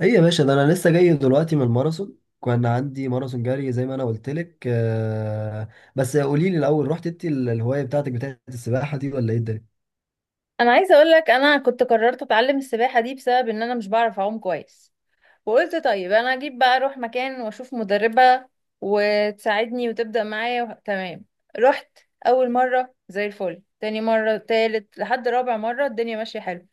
ايه يا باشا، ده انا لسه جاي دلوقتي من الماراثون. كان عندي ماراثون جري زي ما انا قلت لك. بس قولي لي الاول، رحت انت الهوايه بتاعتك بتاعت السباحه دي، ولا ايه الدنيا؟ انا عايزه اقول لك، انا كنت قررت اتعلم السباحه دي بسبب ان انا مش بعرف اعوم كويس. وقلت طيب انا اجيب بقى اروح مكان واشوف مدربه وتساعدني وتبدا معايا تمام. رحت اول مره زي الفل، تاني مره، تالت، لحد رابع مره الدنيا ماشيه حلو.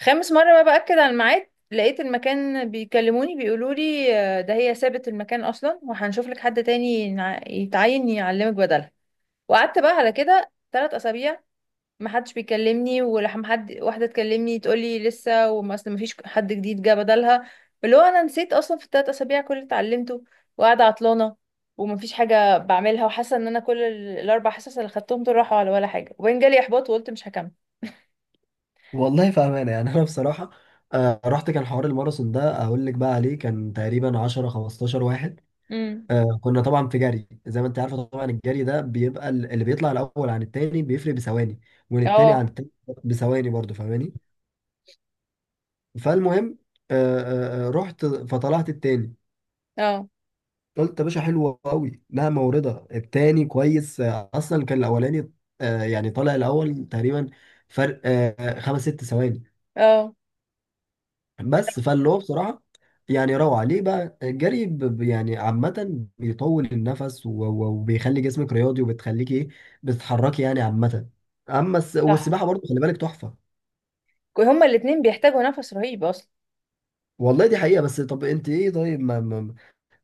خامس مره بقى باكد على الميعاد لقيت المكان بيكلموني بيقولوا لي: آه، ده هي سابت المكان اصلا وهنشوف لك حد تاني يتعين يعلمك بدلها. وقعدت بقى على كده 3 اسابيع ما حدش بيكلمني، ولما حد واحده تكلمني تقول لي لسه، وما اصل ما فيش حد جديد جه بدلها. اللي هو انا نسيت اصلا في ال3 اسابيع كل اللي اتعلمته، وقاعده عطلانه وما فيش حاجه بعملها، وحاسه ان انا كل ال4 حصص اللي خدتهم دول راحوا على ولا حاجه، وبعدين جالي احباط وقلت مش هكمل. والله فاهمانه يعني. انا بصراحه، رحت. كان حوار الماراثون ده اقول لك بقى عليه، كان تقريبا 10 15 واحد. امم. كنا طبعا في جري، زي ما انت عارفه. طبعا الجري ده بيبقى اللي بيطلع الاول عن التاني بيفرق بثواني، والتاني عن اه. التاني بثواني برضه، فاهماني؟ فالمهم، آه، رحت فطلعت التاني. اه. قلت يا باشا حلوة قوي، لها موردة التاني كويس. اصلا كان الاولاني يعني طالع الاول تقريبا، فرق خمس ست ثواني اه. بس. فاللي هو بصراحة يعني روعة. ليه بقى الجري؟ يعني عامة بيطول النفس وبيخلي جسمك رياضي، وبتخليكي ايه، بتتحركي يعني عامة. اما صح. والسباحة برضه خلي بالك تحفة. هما الاتنين بيحتاجوا نفس رهيب اصلا. والله دي حقيقة. بس طب انت ايه؟ طيب،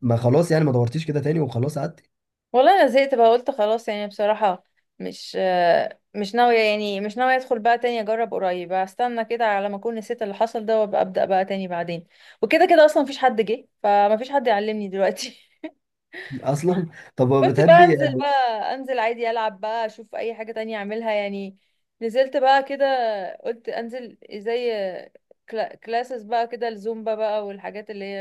ما خلاص يعني، ما دورتيش كده تاني وخلاص قعدتي؟ والله انا زهقت بقى، قلت خلاص يعني بصراحة. مش ناوية، يعني مش ناوية ادخل بقى تاني اجرب قريب، استنى كده على ما اكون نسيت اللي حصل ده وابقى ابدأ بقى تاني بعدين. وكده كده اصلا مفيش حد جه، فمفيش حد يعلمني دلوقتي. اصلا. طب قلت بقى بتحبي انزل آه، بقى. انزل عادي العب بقى، اشوف اي حاجة تانية اعملها يعني. نزلت بقى كده، قلت انزل زي كلاسز بقى كده، الزومبا بقى والحاجات اللي هي،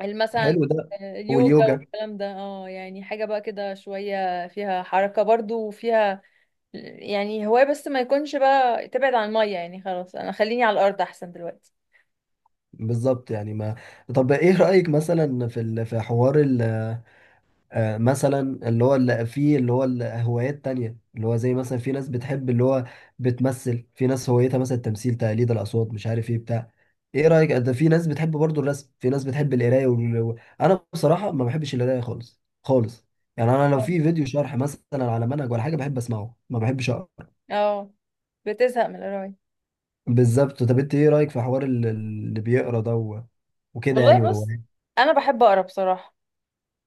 يعني مثلا حلو ده. اليوجا واليوجا. والكلام ده. اه، يعني حاجة بقى كده شوية فيها حركة برضو، وفيها يعني هواية، بس ما يكونش بقى تبعد عن المية. يعني خلاص انا خليني على الارض احسن دلوقتي. بالظبط يعني، ما. طب ايه رأيك مثلا في ال... في حوار ال... مثلا اللي هو اللي فيه اللي هو الهوايات تانية، اللي هو زي مثلا في ناس بتحب اللي هو بتمثل، في ناس هوايتها مثلا التمثيل، تقليد الأصوات، مش عارف ايه بتاع. ايه رأيك ده؟ في ناس بتحب برضو الرسم، في ناس بتحب القراية وال... و-. انا بصراحة ما بحبش القراية خالص خالص. يعني انا لو نعم. في فيديو شرح مثلا على منهج ولا حاجة، بحب اسمعه، ما بحبش اقرا. اه. بتزهق من القراية. بالظبط. طب انت ايه رأيك في حوار اللي بيقرا ده و... وكده يعني، والله بص، وروايات؟ انا بحب اقرا بصراحة.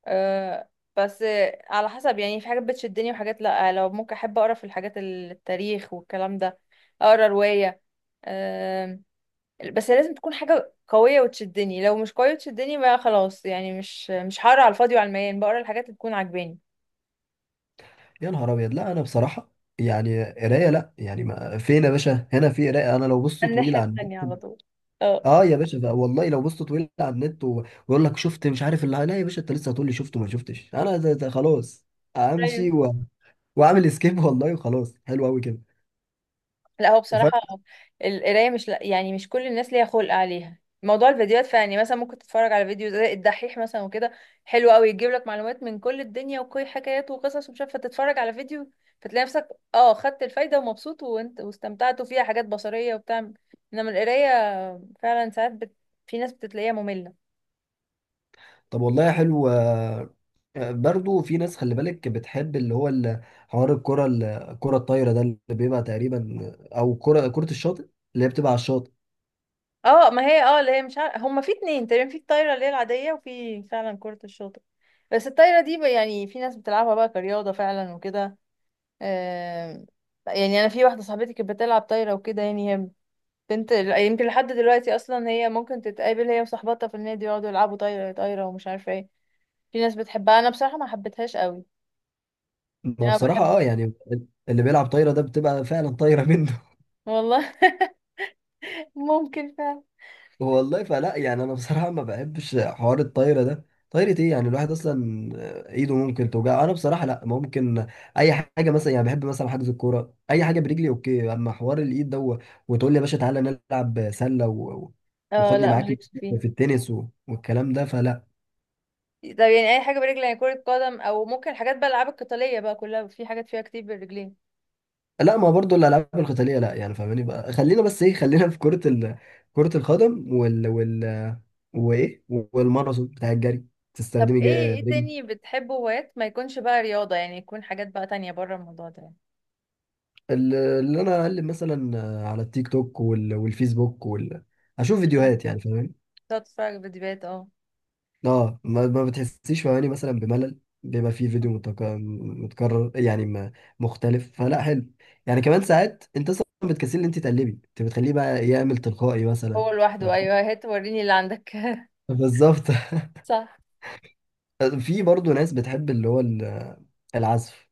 أه. بس على حسب، يعني في حاجات بتشدني وحاجات لا. لو ممكن احب اقرا في الحاجات التاريخ والكلام ده، اقرا رواية. أه. بس لازم تكون حاجة قوية وتشدني. لو مش قوية وتشدني بقى خلاص يعني، مش هقرا على الفاضي، وعلى المليان بقرا الحاجات اللي تكون عاجباني. يا نهار ابيض، لا انا بصراحه يعني قرايه لا. يعني ما فين يا باشا هنا في قرايه. انا لو بصت طويل الناحية على النت، التانية على طول. اه. اه يا باشا بقى. والله لو بصت طويل على النت ويقول لك شفت مش عارف اللي، لا يا باشا انت لسه هتقول لي شفت وما شفتش، انا ده خلاص، امشي ايوه. و... واعمل سكيب. والله، وخلاص حلو قوي كده، لا هو وفاهم. بصراحة القراية، مش لا يعني مش كل الناس ليها خلق عليها. موضوع الفيديوهات فعلا، يعني مثلا ممكن تتفرج على فيديو زي الدحيح مثلا وكده. حلو قوي، يجيب لك معلومات من كل الدنيا وكل حكايات وقصص، ومش عارفة. تتفرج على فيديو فتلاقي نفسك، اه، خدت الفايدة ومبسوط، وانت واستمتعت، وفيها حاجات بصرية وبتاع. انما القراية فعلا ساعات في ناس بتلاقيها مملة. طب والله حلو. برضو في ناس خلي بالك بتحب اللي هو حوار الكره الكره الطايره ده، اللي بيبقى تقريبا، او كره كره الشاطئ، اللي هي بتبقى على الشاطئ. اه، ما هي اه اللي هي مش عارفه، هما في اتنين تقريبا، في الطايره اللي هي العاديه، وفي فعلا كره الشاطئ. بس الطايره دي يعني في ناس بتلعبها بقى كرياضه فعلا وكده. آم، يعني انا في واحده صاحبتي كانت بتلعب طايره وكده، يعني هي بنت، يمكن لحد دلوقتي اصلا هي ممكن تتقابل هي وصاحبتها في النادي يقعدوا يلعبوا طايره طايره ومش عارفه ايه. في ناس بتحبها، انا بصراحه ما حبيتهاش قوي. ما انا بصراحة بحب. اه يعني، اللي بيلعب طايرة ده بتبقى فعلا طايرة منه. والله. ممكن فعلا. والله فلا يعني، انا بصراحة ما بحبش حوار الطايرة ده. طايرة ايه يعني؟ الواحد اصلا ايده ممكن توجع. انا بصراحة لا ممكن. اي حاجة مثلا يعني، بحب مثلا حجز الكورة، اي حاجة برجلي اوكي. اما حوار الايد ده وتقول لي يا باشا تعالى نلعب سلة و... اه وخدني لا، معاك مالكش فيه. في التنس و... والكلام ده، فلا. طب يعني اي حاجه برجل، يعني كره قدم، او ممكن حاجات بقى الالعاب القتاليه بقى كلها في حاجات فيها كتير بالرجلين. لا، ما برضو الالعاب القتاليه لا يعني، فاهماني. بقى خلينا بس ايه، خلينا في كره ال... كره القدم وال وال وايه، والماراثون بتاع الجري، طب تستخدمي ايه، ايه رجل. تاني بتحبه هوايات ما يكونش بقى رياضه، يعني يكون حاجات بقى تانية بره الموضوع ده يعني. اللي انا اقلب مثلا على التيك توك وال... والفيسبوك وال... اشوف مم. فيديوهات يعني، فاهماني؟ تقعد تتفرج فيديوهات. اه، اه. ما بتحسيش فاهماني مثلا بملل؟ بيبقى فيه فيديو متكرر يعني مختلف، فلا حلو يعني. كمان ساعات انت اصلا بتكسلي ان انت تقلبي، انت بتخليه بقى يعمل تلقائي مثلا. هو لوحده، ف-. ايوه، هات وريني اللي عندك. بالظبط. صح. في برضه ناس بتحب اللي هو العزف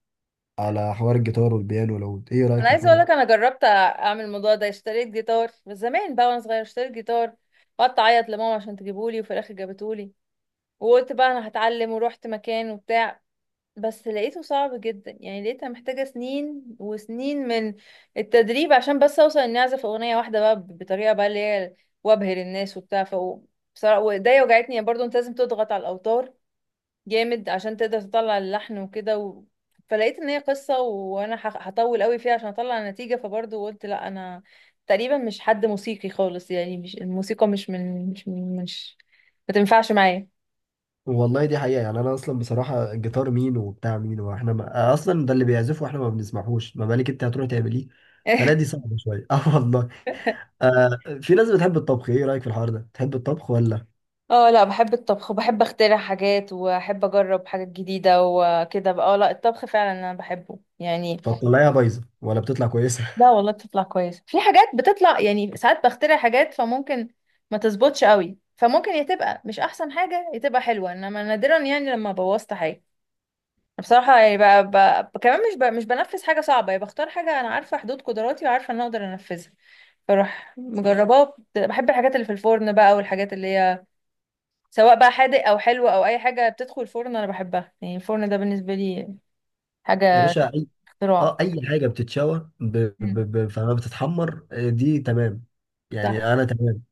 على حوار الجيتار والبيانو. لو ايه رأيك انا في عايزه الحوار اقول ده؟ لك، انا جربت اعمل الموضوع ده، اشتريت جيتار بس زمان بقى، وانا صغيره اشتريت جيتار وقعدت اعيط لماما عشان تجيبهولي، وفي الاخر جابتهولي. وقلت بقى انا هتعلم، ورحت مكان وبتاع. بس لقيته صعب جدا، يعني لقيتها محتاجة سنين وسنين من التدريب، عشان بس اوصل اني اعزف اغنية واحدة بقى بطريقة بقى اللي هي، وابهر الناس وبتاع. ف بصراحة، وايديا وجعتني برضه، انت لازم تضغط على الاوتار جامد عشان تقدر تطلع اللحن وكده. و... فلقيت ان هي قصة، وانا هطول قوي فيها عشان اطلع نتيجة، فبرضه قلت لا، انا تقريبا مش حد موسيقي خالص، يعني مش الموسيقى، مش من مش من مش ما تنفعش معايا. والله دي حقيقة يعني. انا اصلا بصراحة الجيتار مين وبتاع مين، واحنا ما... اصلا ده اللي بيعزفه واحنا ما بنسمعهوش، ما بالك انت هتروح تعمليه. فلا دي صعبة شوية. اه والله. آه، في ناس بتحب الطبخ. ايه رأيك في الحوار ده، بتحب الطبخ ولا؟ اه لا، بحب الطبخ، وبحب اخترع حاجات، واحب اجرب حاجات جديدة وكده بقى. اه لا، الطبخ فعلا انا بحبه يعني. فتطلعيها بايظة ولا بتطلع كويسة؟ لا والله بتطلع كويس، في حاجات بتطلع يعني ساعات، بخترع حاجات فممكن ما تظبطش قوي، فممكن يا تبقى مش احسن حاجة يا تبقى حلوة، انما نادرا يعني لما بوظت حاجة بصراحة يعني. بقى كمان مش بنفذ حاجة صعبة، يعني بختار حاجة انا عارفة حدود قدراتي، وعارفة ان أنا اقدر انفذها. بروح مجرباه، بحب الحاجات اللي في الفرن بقى، والحاجات اللي هي سواء بقى حادق او حلو او اي حاجه بتدخل الفرن انا بحبها. يعني الفرن ده بالنسبه لي يا حاجه باشا اي. اه اختراع. اي حاجة بتتشوى مم. فما بتتحمر، دي تمام. صح. يعني انا تمام.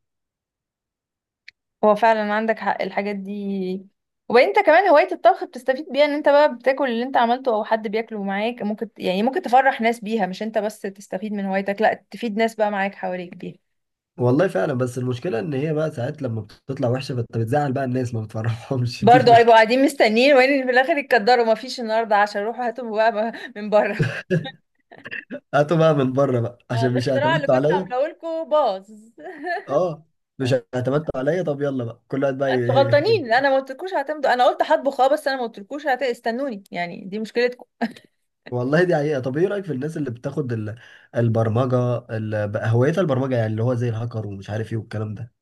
هو فعلا عندك حق، الحاجات دي. وبعدين انت كمان هوايه الطبخ بتستفيد بيها، ان انت بقى بتاكل اللي انت عملته او حد بياكله معاك، ممكن يعني ممكن تفرح ناس بيها، مش انت بس تستفيد من هوايتك، لا، تفيد ناس بقى معاك حواليك بيها. والله فعلا، بس المشكلة إن هي بقى ساعات لما بتطلع وحشة، فأنت بتزعل، بقى الناس ما بتفرحهمش. دي برضه هيبقوا المشكلة. قاعدين مستنيين، وين في الاخر يتقدروا ما فيش النهارده، عشان روحوا هاتوا بقى من بره. هاتوا بقى من بره بقى، اه، عشان مش الاختراع اللي اعتمدتوا كنت عليا. عاملاه لكم باظ. اه، مش اعتمدتوا عليا. طب يلا بقى كل واحد بقى انتوا ي... غلطانين، انا ما قلتلكوش هتمضوا، انا قلت هطبخ اه، بس انا ما قلتلكوش استنوني، يعني دي مشكلتكم. والله دي حقيقة. طب إيه رأيك في الناس اللي بتاخد ال... البرمجة ال... بقى هوايتها البرمجة، يعني اللي هو زي الهاكر ومش عارف إيه والكلام ده؟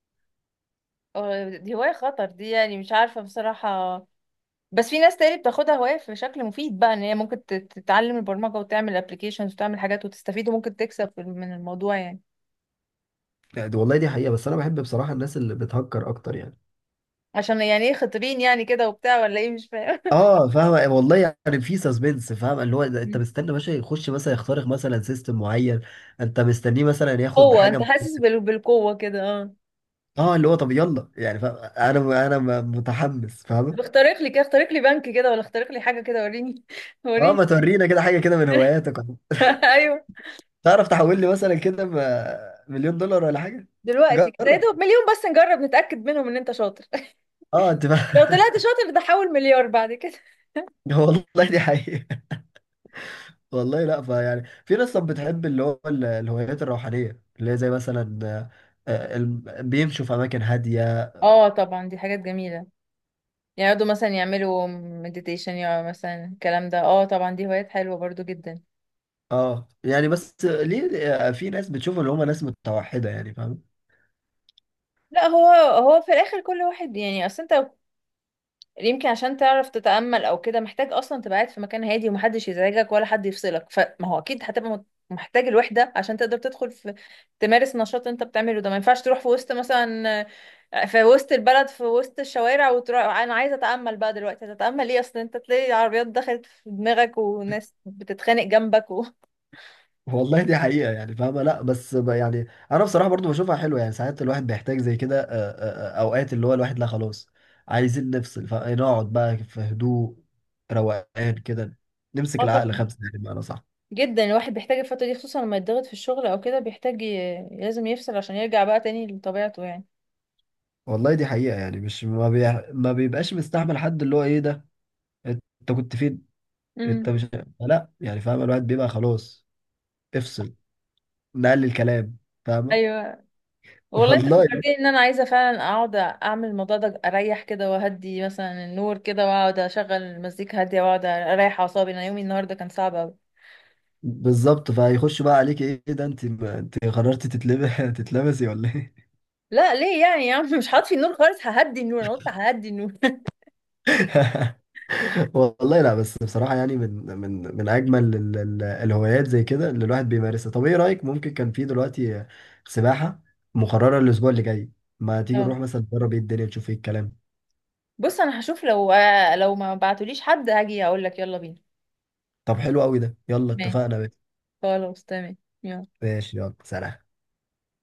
آه، دي هواية خطر دي، يعني مش عارفة بصراحة. بس في ناس تاني بتاخدها هواية في شكل مفيد بقى، ان هي ممكن تتعلم البرمجة وتعمل ابلكيشنز وتعمل حاجات وتستفيد، وممكن تكسب من الموضوع يعني. يعني دي-. والله دي حقيقة، بس أنا بحب بصراحة الناس اللي بتهكر أكتر يعني. عشان يعني ايه؟ خطيبين يعني كده وبتاع، ولا ايه؟ مش فاهم. اه فاهم والله، يعني في سسبنس. فاهم، اللي هو ده انت مستني باشا يخش مثلا، يخترق مثلا سيستم معين، انت مستنيه مثلا ياخد قوة؟ حاجه انت م-. حاسس بالقوة كده؟ اه. اه اللي هو طب يلا يعني، فاهم. انا متحمس، طب فاهم. اخترق لي كده، اخترق لي بنك كده، ولا اخترق لي حاجة كده، وريني. اه ما وريني. تورينا كده حاجه كده من هواياتك، ولا ايوه. تعرف تحول لي مثلا كده مليون دولار ولا حاجه؟ دلوقتي كده يا جرب. دوب مليون، بس نجرب نتأكد منهم ان انت شاطر. اه انت لو فاهم. طلعت شاطر ده، حول مليار بعد كده. والله دي حقيقه. والله لا، فيعني في ناس طب بتحب اللي هو الهوايات الروحانيه، اللي هي زي مثلا آه، الم- بيمشوا في اماكن هاديه. اه طبعا، دي حاجات جميلة. يقعدوا مثلا يعملوا مديتيشن، يا مثلا الكلام ده. اه طبعا، دي هوايات حلوة برضو جدا. اه يعني، بس ليه في ناس بتشوف ان هم ناس متوحده؟ يعني فاهم. لا، هو هو في الاخر كل واحد يعني. اصل انت يمكن عشان تعرف تتأمل او كده، محتاج اصلا تبقى قاعد في مكان هادي ومحدش يزعجك ولا حد يفصلك، فما هو اكيد هتبقى محتاج الوحدة، عشان تقدر تدخل في، تمارس نشاط انت بتعمله ده. ما ينفعش تروح في وسط مثلا، في وسط البلد، في وسط الشوارع، وتروح انا عايزة اتأمل بقى دلوقتي. هتتأمل ايه اصلا؟ انت تلاقي عربيات دخلت في دماغك، وناس بتتخانق جنبك والله دي حقيقه يعني، فاهمه. لا بس يعني انا بصراحه برضو بشوفها حلوه يعني. ساعات الواحد بيحتاج زي كده، اوقات اللي هو الواحد لا خلاص، عايزين نفصل فنقعد بقى في هدوء، روقان كده، نمسك اه العقل طبعا، خمسه يعني، بمعنى صح. جدا الواحد بيحتاج الفترة دي، خصوصا لما يتضغط في الشغل او كده، بيحتاج لازم يفصل عشان يرجع بقى تاني لطبيعته يعني. والله دي حقيقه يعني، مش ما, بي... ما بيبقاش مستحمل حد، اللي هو ايه ده انت، كنت فين؟ انت امم. مش، لا يعني فاهم، الواحد بيبقى خلاص، افصل، نقلل الكلام، فاهم. ايوه. والله انت والله فكرتني ان انا عايزه فعلا اقعد اعمل الموضوع ده، اريح كده، واهدي مثلا النور كده، واقعد اشغل مزيكا هاديه، واقعد اريح اعصابي. انا يومي النهارده كان صعب قوي. بالظبط. فهيخش بقى عليك، ايه ده انت قررتي تتلبس، تتلبسي ولا ايه؟ لا ليه يعني يا عم؟ مش هطفي النور خالص، ههدي النور، انا قلت ههدي النور. والله لا، بس بصراحه يعني، من من اجمل الهوايات زي كده اللي الواحد بيمارسها. طب ايه رايك؟ ممكن كان في دلوقتي سباحه مقرره الاسبوع اللي جاي، ما تيجي اه. نروح مثلا نجرب ايه الدنيا، تشوف ايه الكلام؟ بص انا هشوف، لو ما بعتوليش حد هاجي اقول لك يلا بينا. طب حلو قوي ده، يلا ماشي اتفقنا. بس خلاص تمام. يلا. ماشي، يلا سلام.